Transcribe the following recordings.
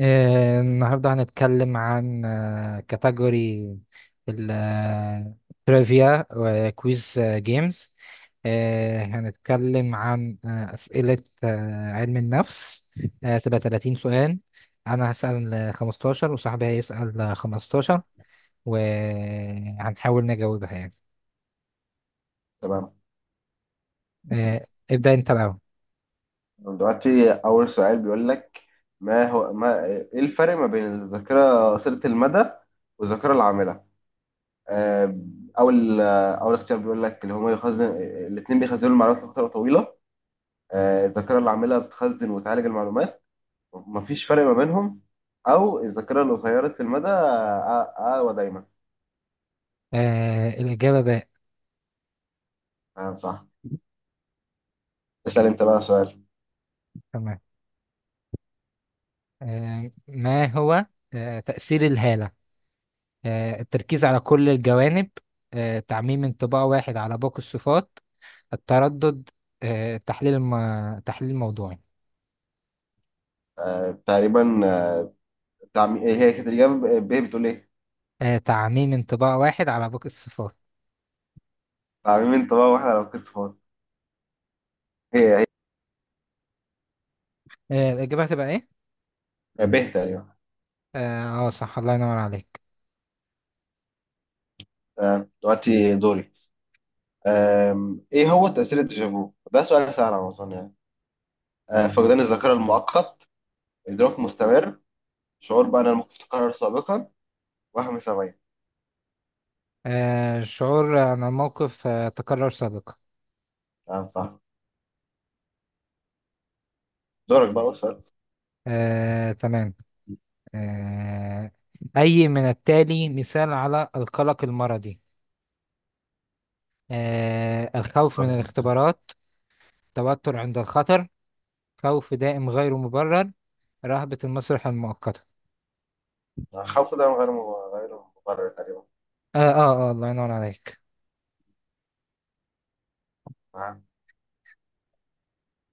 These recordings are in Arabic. النهاردة هنتكلم عن كاتيجوري التريفيا وكويز جيمز. هنتكلم عن أسئلة علم النفس. تبقى 30 سؤال. أنا هسأل 15، وصاحبي هيسأل 15، وهنحاول نجاوبها يعني. تمام. آه، ابدأ أنت الأول. دلوقتي أول سؤال بيقول لك، ما هو ما إيه الفرق ما بين الذاكرة قصيرة المدى والذاكرة العاملة؟ آه، أول أول اختيار بيقول لك اللي هما يخزن، الاتنين بيخزنوا المعلومات لفترة طويلة. الذاكرة العاملة بتخزن وتعالج المعلومات، مفيش فرق ما بينهم، أو الذاكرة القصيرة المدى أقوى. أقوى دايما. الإجابة باء. تمام، صح. اسأل أنت بقى سؤال. تمام. ما هو تأثير الهالة؟ التركيز على كل الجوانب. تعميم انطباع واحد على باقي الصفات. التردد. آه، تحليل الم... تحليل موضوعي. تقريبا، تعميم. هي كانت الإجابة ب، بتقول إيه؟ تعميم انطباع واحد على باقي الصفات. تعميم. أنت بقى وإحنا على القسط فاضي. هي الإجابة هتبقى إيه؟ هي ب تقريبا. صح، الله ينور عليك. تمام، دلوقتي دوري. ايه هو تأثير الديجافو؟ ده سؤال سهل على ما اظن يعني. فقدان الذاكرة المؤقت، إدراك مستمر، شعور بأن الموقف تكرر سابقا، وهم سمعي. شعور عن الموقف تكرر سابقا. تمام، صح. دورك بقى، أسأل. تمام. آه، أي من التالي مثال على القلق المرضي؟ الخوف من الاختبارات. توتر عند الخطر. خوف دائم غير مبرر. رهبة المسرح المؤقتة. خوف ده غير مبرر تقريبا. الله ينور عليك. تمام.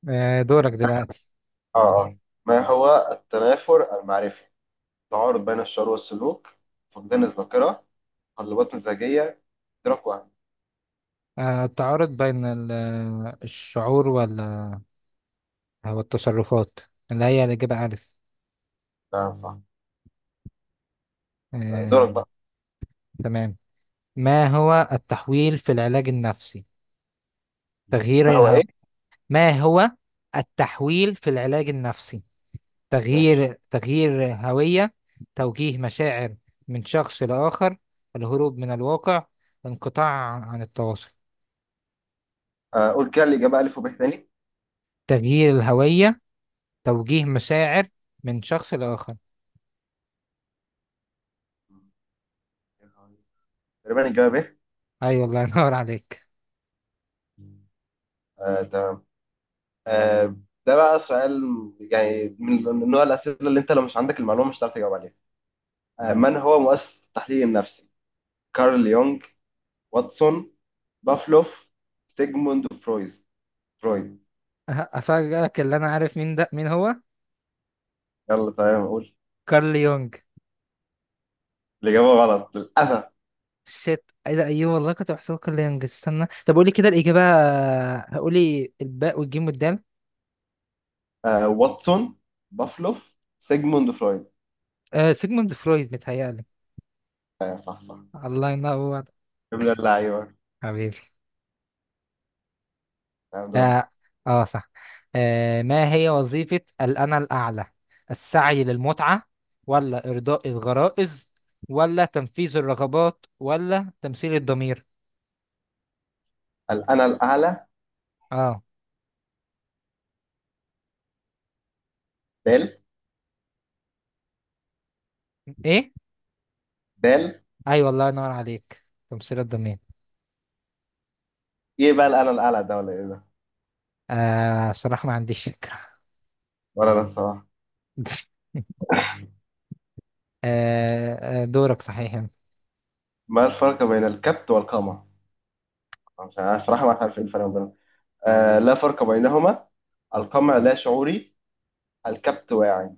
دورك دلوقتي. اه، ما هو التنافر المعرفي؟ تعارض بين الشعور والسلوك، فقدان الذاكرة، تقلبات مزاجية، إدراك وهم. التعارض بين الشعور والتصرفات، اللي هي الإجابة ألف. تمام، صح. آه دورك بقى. تمام. ما هو التحويل في العلاج النفسي؟ تغيير ما هو الهو... ايه؟ ما هو التحويل في العلاج النفسي؟ ماشي. تغيير هوية. توجيه مشاعر من شخص لآخر. الهروب من الواقع. انقطاع عن التواصل. قول كده الإجابة ألف وب تاني. تغيير الهوية. توجيه مشاعر من شخص لآخر. تقريبا الجواب ايه؟ أيوة، الله ينور عليك. تمام. آه، ده بقى سؤال يعني من نوع الأسئلة اللي أنت لو مش عندك المعلومة مش هتعرف تجاوب عليها. آه، من هو مؤسس التحليل النفسي؟ كارل يونغ، واتسون، بافلوف، سيجموند فرويد. فرويد. أفاجئك، اللي أنا عارف مين ده، مين هو. يلا تمام، قول. كارل يونج. الإجابة غلط للأسف. شيت، ايه ده، ايوه والله كنت بحسبه كارل يونج. استنى، طب قولي كده الإجابة. قولي الباء والجيم والدال. آه، واتسون، بافلوف، سيجموند فرويد. سيجموند فرويد متهيألي. آه، صح صح. الله ينور. يا ابن اللعيبة. حبيبي. تمام، دورك. اه، صح. ما هي وظيفة الأنا الأعلى؟ السعي للمتعة، ولا إرضاء الغرائز، ولا تنفيذ الرغبات، ولا تمثيل الضمير؟ الأنا الأعلى. اه. دال. ايه. دال. ايوه، الله ينور عليك. تمثيل الضمير. إيه بقى الأنا الأعلى ده، ولا إيه ده؟ صراحة ما عنديش فكرة. ولا أنا الصراحة. دورك صحيح. ما الفرق بين الكبت والقمع؟ عشان أنا صراحة ما عارف إيه الفرق بينهم. آه، لا فرق بينهما، القمع لا شعوري الكبت واعي،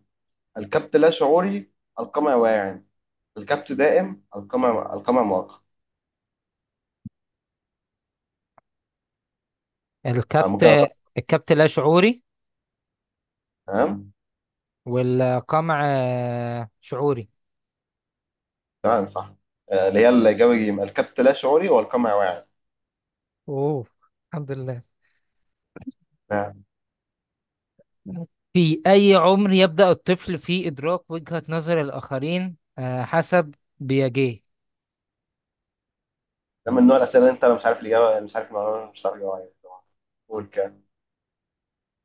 الكبت لا شعوري القمع واعي، الكبت دائم القمع مؤقت. أنا الكبت ممكن أقول لك؟ الكبت لا شعوري. تمام. والقمع شعوري. تمام، صح. آه، اللي هي الإجابة جيم، الكبت لا شعوري والقمع واعي. اوه، الحمد لله. نعم. في أي عمر يبدأ الطفل في إدراك وجهة نظر الآخرين، حسب بياجيه؟ ده من نوع الأسئلة اللي أنت لو مش عارف الإجابة مش عارف المعلومة مش عارف الإجابة عليها. قول كده.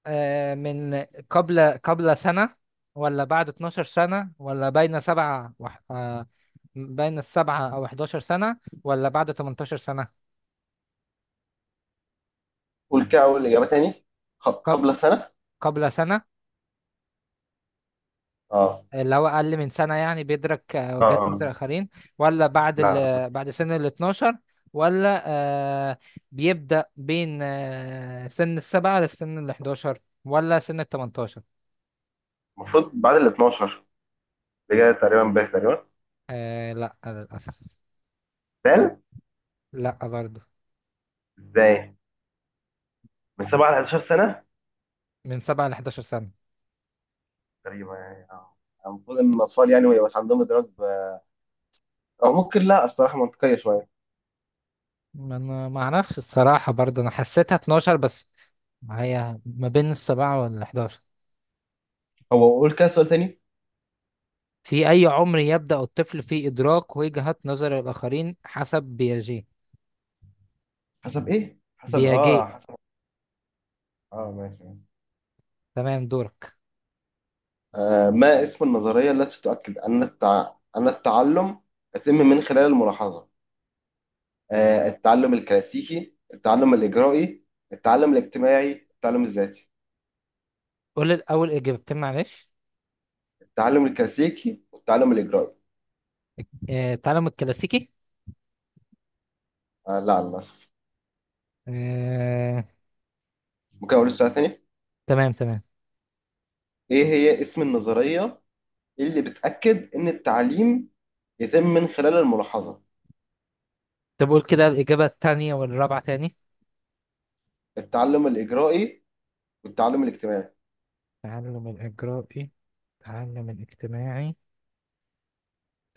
من قبل سنة، ولا بعد 12 سنة، ولا بين سبعة وح... آه، بين السبعة أو 11 سنة، ولا بعد 18 سنة؟ قول كده أول إجابة تاني. قب... قبل سنة. قبل سنة. اه اللي هو أقل من سنة يعني بيدرك اه. وجهات اه، نظر الآخرين؟ ولا لا. بعد سن ال 12؟ ولا آه، بيبدأ بين سن السبعة للسن ال 11، ولا سن ال 18؟ المفروض بعد ال 12. اللي جاية تقريبا باك تقريبا. لا للأسف. بال. لا برضه. ازاي. من 7 ل 11 سنه من سبعة ل 11 سنة. تقريبا يعني. اه، المفروض ان الاطفال يعني ما يبقاش عندهم ادراك او ممكن لا، الصراحه منطقيه شويه. ما انا ما اعرفش الصراحة برضه، انا حسيتها 12 بس. هي ما بين السبعة وال11. هو قول كده سؤال تاني. في اي عمر يبدأ الطفل في ادراك وجهة نظر الاخرين حسب بياجي؟ حسب ايه؟ حسب اه بياجي. حسب. اه، ماشي. تمام، دورك. آه، ما اسم النظريه التي تؤكد ان التعلم يتم من خلال الملاحظه؟ آه، التعلم الكلاسيكي، التعلم الاجرائي، التعلم الاجتماعي، التعلم الذاتي. قول الاول اجابتين معلش. التعلم الكلاسيكي والتعلم الاجرائي. تعلم الكلاسيكي. آه، لا للاسف. آه ممكن اقول السؤال تاني؟ تمام. تمام، ايه هي اسم النظريه اللي بتأكد إن التعليم يتم من خلال الملاحظة. طب قول كده الاجابة التانية والرابعة تاني. التعلم الإجرائي والتعلم الاجتماعي. تعلم الاجرائي. تعلم الاجتماعي.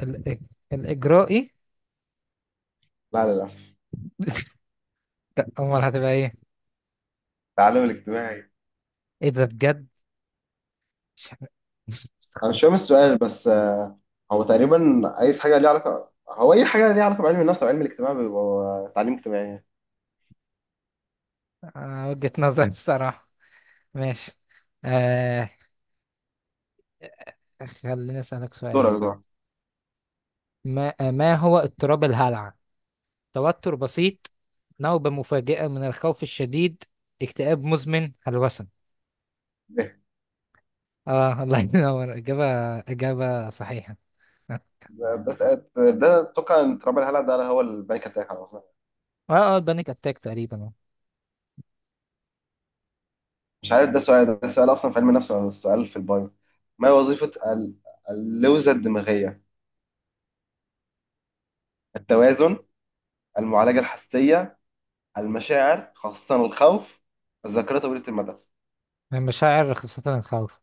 الإج... الاجرائي. لا للأسف. لا، امال هتبقى ايه؟ التعلم الاجتماعي. ايه ده بجد؟ مش. أنا مش فاهم السؤال بس، هو تقريبا عايز حاجة ليها علاقة، أي حاجة ليها علاقة بعلم النفس وعلم الاجتماع بيبقى تعليم اجتماعي. وجهة نظر الصراحة. ماشي. آه خليني أسألك سؤال. دورك. ما هو اضطراب الهلع؟ توتر بسيط. نوبة مفاجئة من الخوف الشديد. اكتئاب مزمن. هلوسة. إيه؟ اه، الله ينور إجابة صحيحة. اه. ده ده أتوقع إن تراب الهلع ده هو البانيك أتاك على أصلا. اه، البانيك أتاك تقريبا. مش عارف ده سؤال، أصلا في علم النفس ولا سؤال في البايو. ما هي وظيفة ال- اللوزة الدماغية؟ التوازن، المعالجة الحسية، المشاعر خاصة الخوف، الذاكرة طويلة المدى. من مشاعر خاصة الخوف.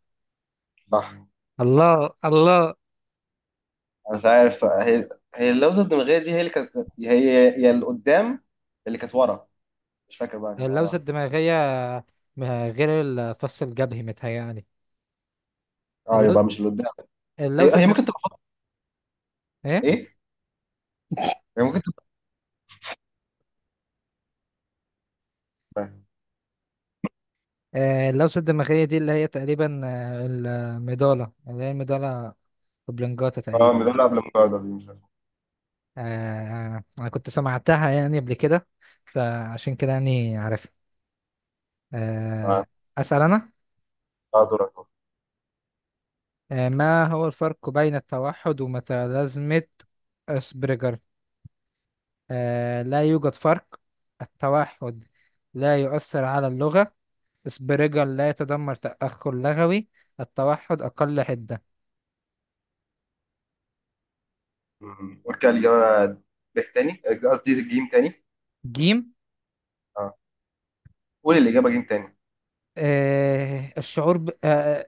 صح. الله الله. أنا مش عارف صح. هي اللوزة الدماغية دي، هي اللي كانت، هي اللي قدام اللي كانت ورا، مش فاكر بقى كانت على اللوزة واحد. الدماغية. غير الفص الجبهي متهيألي. اه، اللوز يبقى مش اللي قدام. اللوزة هي الدم... ممكن تبقى إيه؟ ايه، هي ممكن تبقى. اللوسة الدماغية دي اللي هي تقريبا، المضالة اللي هي المضالة وبلنجاتا اه، تقريبا. مدلع قبل المجاعدة دي مش عارف. أنا كنت سمعتها يعني قبل كده، فعشان كده يعني عارفها. اه. آه، أسأل أنا. آه، دورك. ما هو الفرق بين التوحد وميتالازمة أسبرجر؟ لا يوجد فرق. التوحد لا يؤثر على اللغة. أسبرجر لا يتضمن تأخر لغوي. التوحد أقل حدة. مم. قول كده الإجابة ب تاني، قصدي جيم تاني. جيم. اه، قول الإجابة جيم تاني. آه، الشعور ب... آه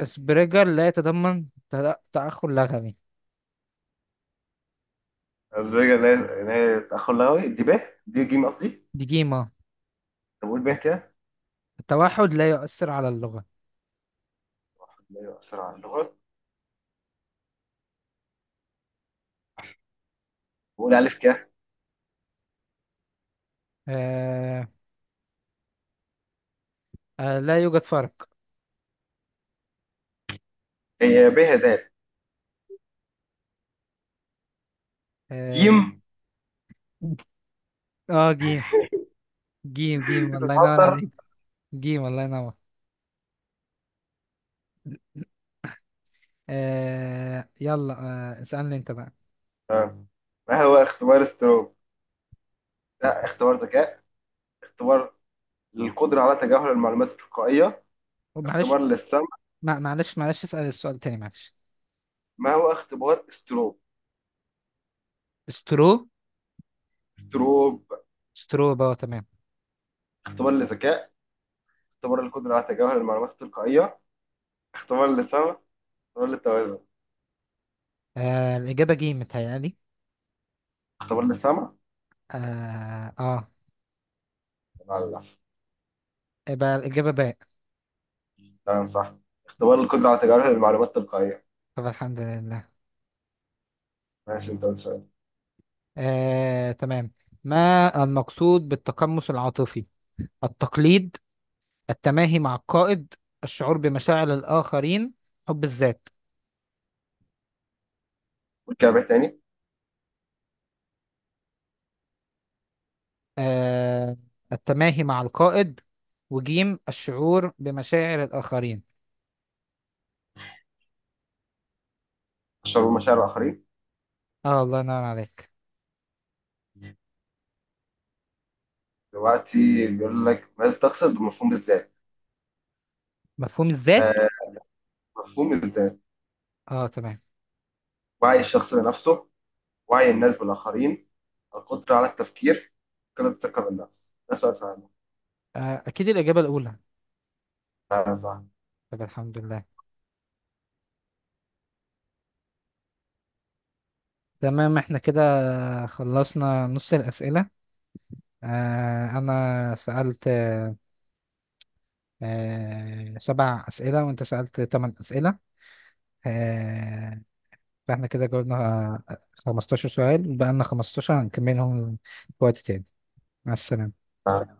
اسبرجر لا يتضمن تأخر لغوي. أزبيجا اللي هي، تأخر لغوي دي ب، دي جيم قصدي. ديجيما. طب قول ب كده. التوحد لا يؤثر على اللغة. أيوة، بسرعة اللغة. قول ألف كده. آه لا يوجد فرق. هي ب هدايا آه, جيم، جيم، جيم، جيم، الله ينور بتتهدر. عليك. جيم، الله ينور. يلا. اسألني انت بقى. آه. ما هو اختبار ستروب؟ لا، اختبار ذكاء، اختبار للقدرة على تجاهل المعلومات التلقائية، اختبار معلش. للسمع. معلش. معلش، اسأل السؤال تاني، معلش. ما هو اختبار ستروب؟ سترو. ستروب. سترو بقى تمام. اختبار للذكاء، اختبار للقدرة على تجاهل المعلومات التلقائية، اختبار للسمع، اختبار للتوازن. الإجابة جيم متهيألي. اختبار للسمع. اه. لا للأسف. يبقى الإجابة باء. تمام، صح. اختبار القدرة على تجاهل المعلومات التلقائية. طب الحمد لله. ماشي، انت قلت سؤال. تمام. ما المقصود بالتقمص العاطفي؟ التقليد. التماهي مع القائد. الشعور بمشاعر الآخرين. حب الذات. قول كده بقى تاني. آه، التماهي مع القائد، وجيم الشعور بمشاعر الآخرين. تشرب مشاعر الآخرين. اه، الله ينور عليك. دلوقتي بيقول لك ماذا تقصد بمفهوم الذات. مفهوم الذات. آه، مفهوم الذات. اه، تمام. وعي الشخص بنفسه، وعي الناس بالآخرين، القدرة على التفكير، قلة الثقة بالنفس. ده سؤال فعلا. أكيد الإجابة الأولى. فعلا صح. طب الحمد لله. تمام، احنا كده خلصنا نص الأسئلة. أنا سألت سبع أسئلة، وأنت سألت ثمان أسئلة. آه، فاحنا كده جاوبنا 15 سؤال، بقى لنا 15 هنكملهم في وقت تاني. مع السلامة. فعلا.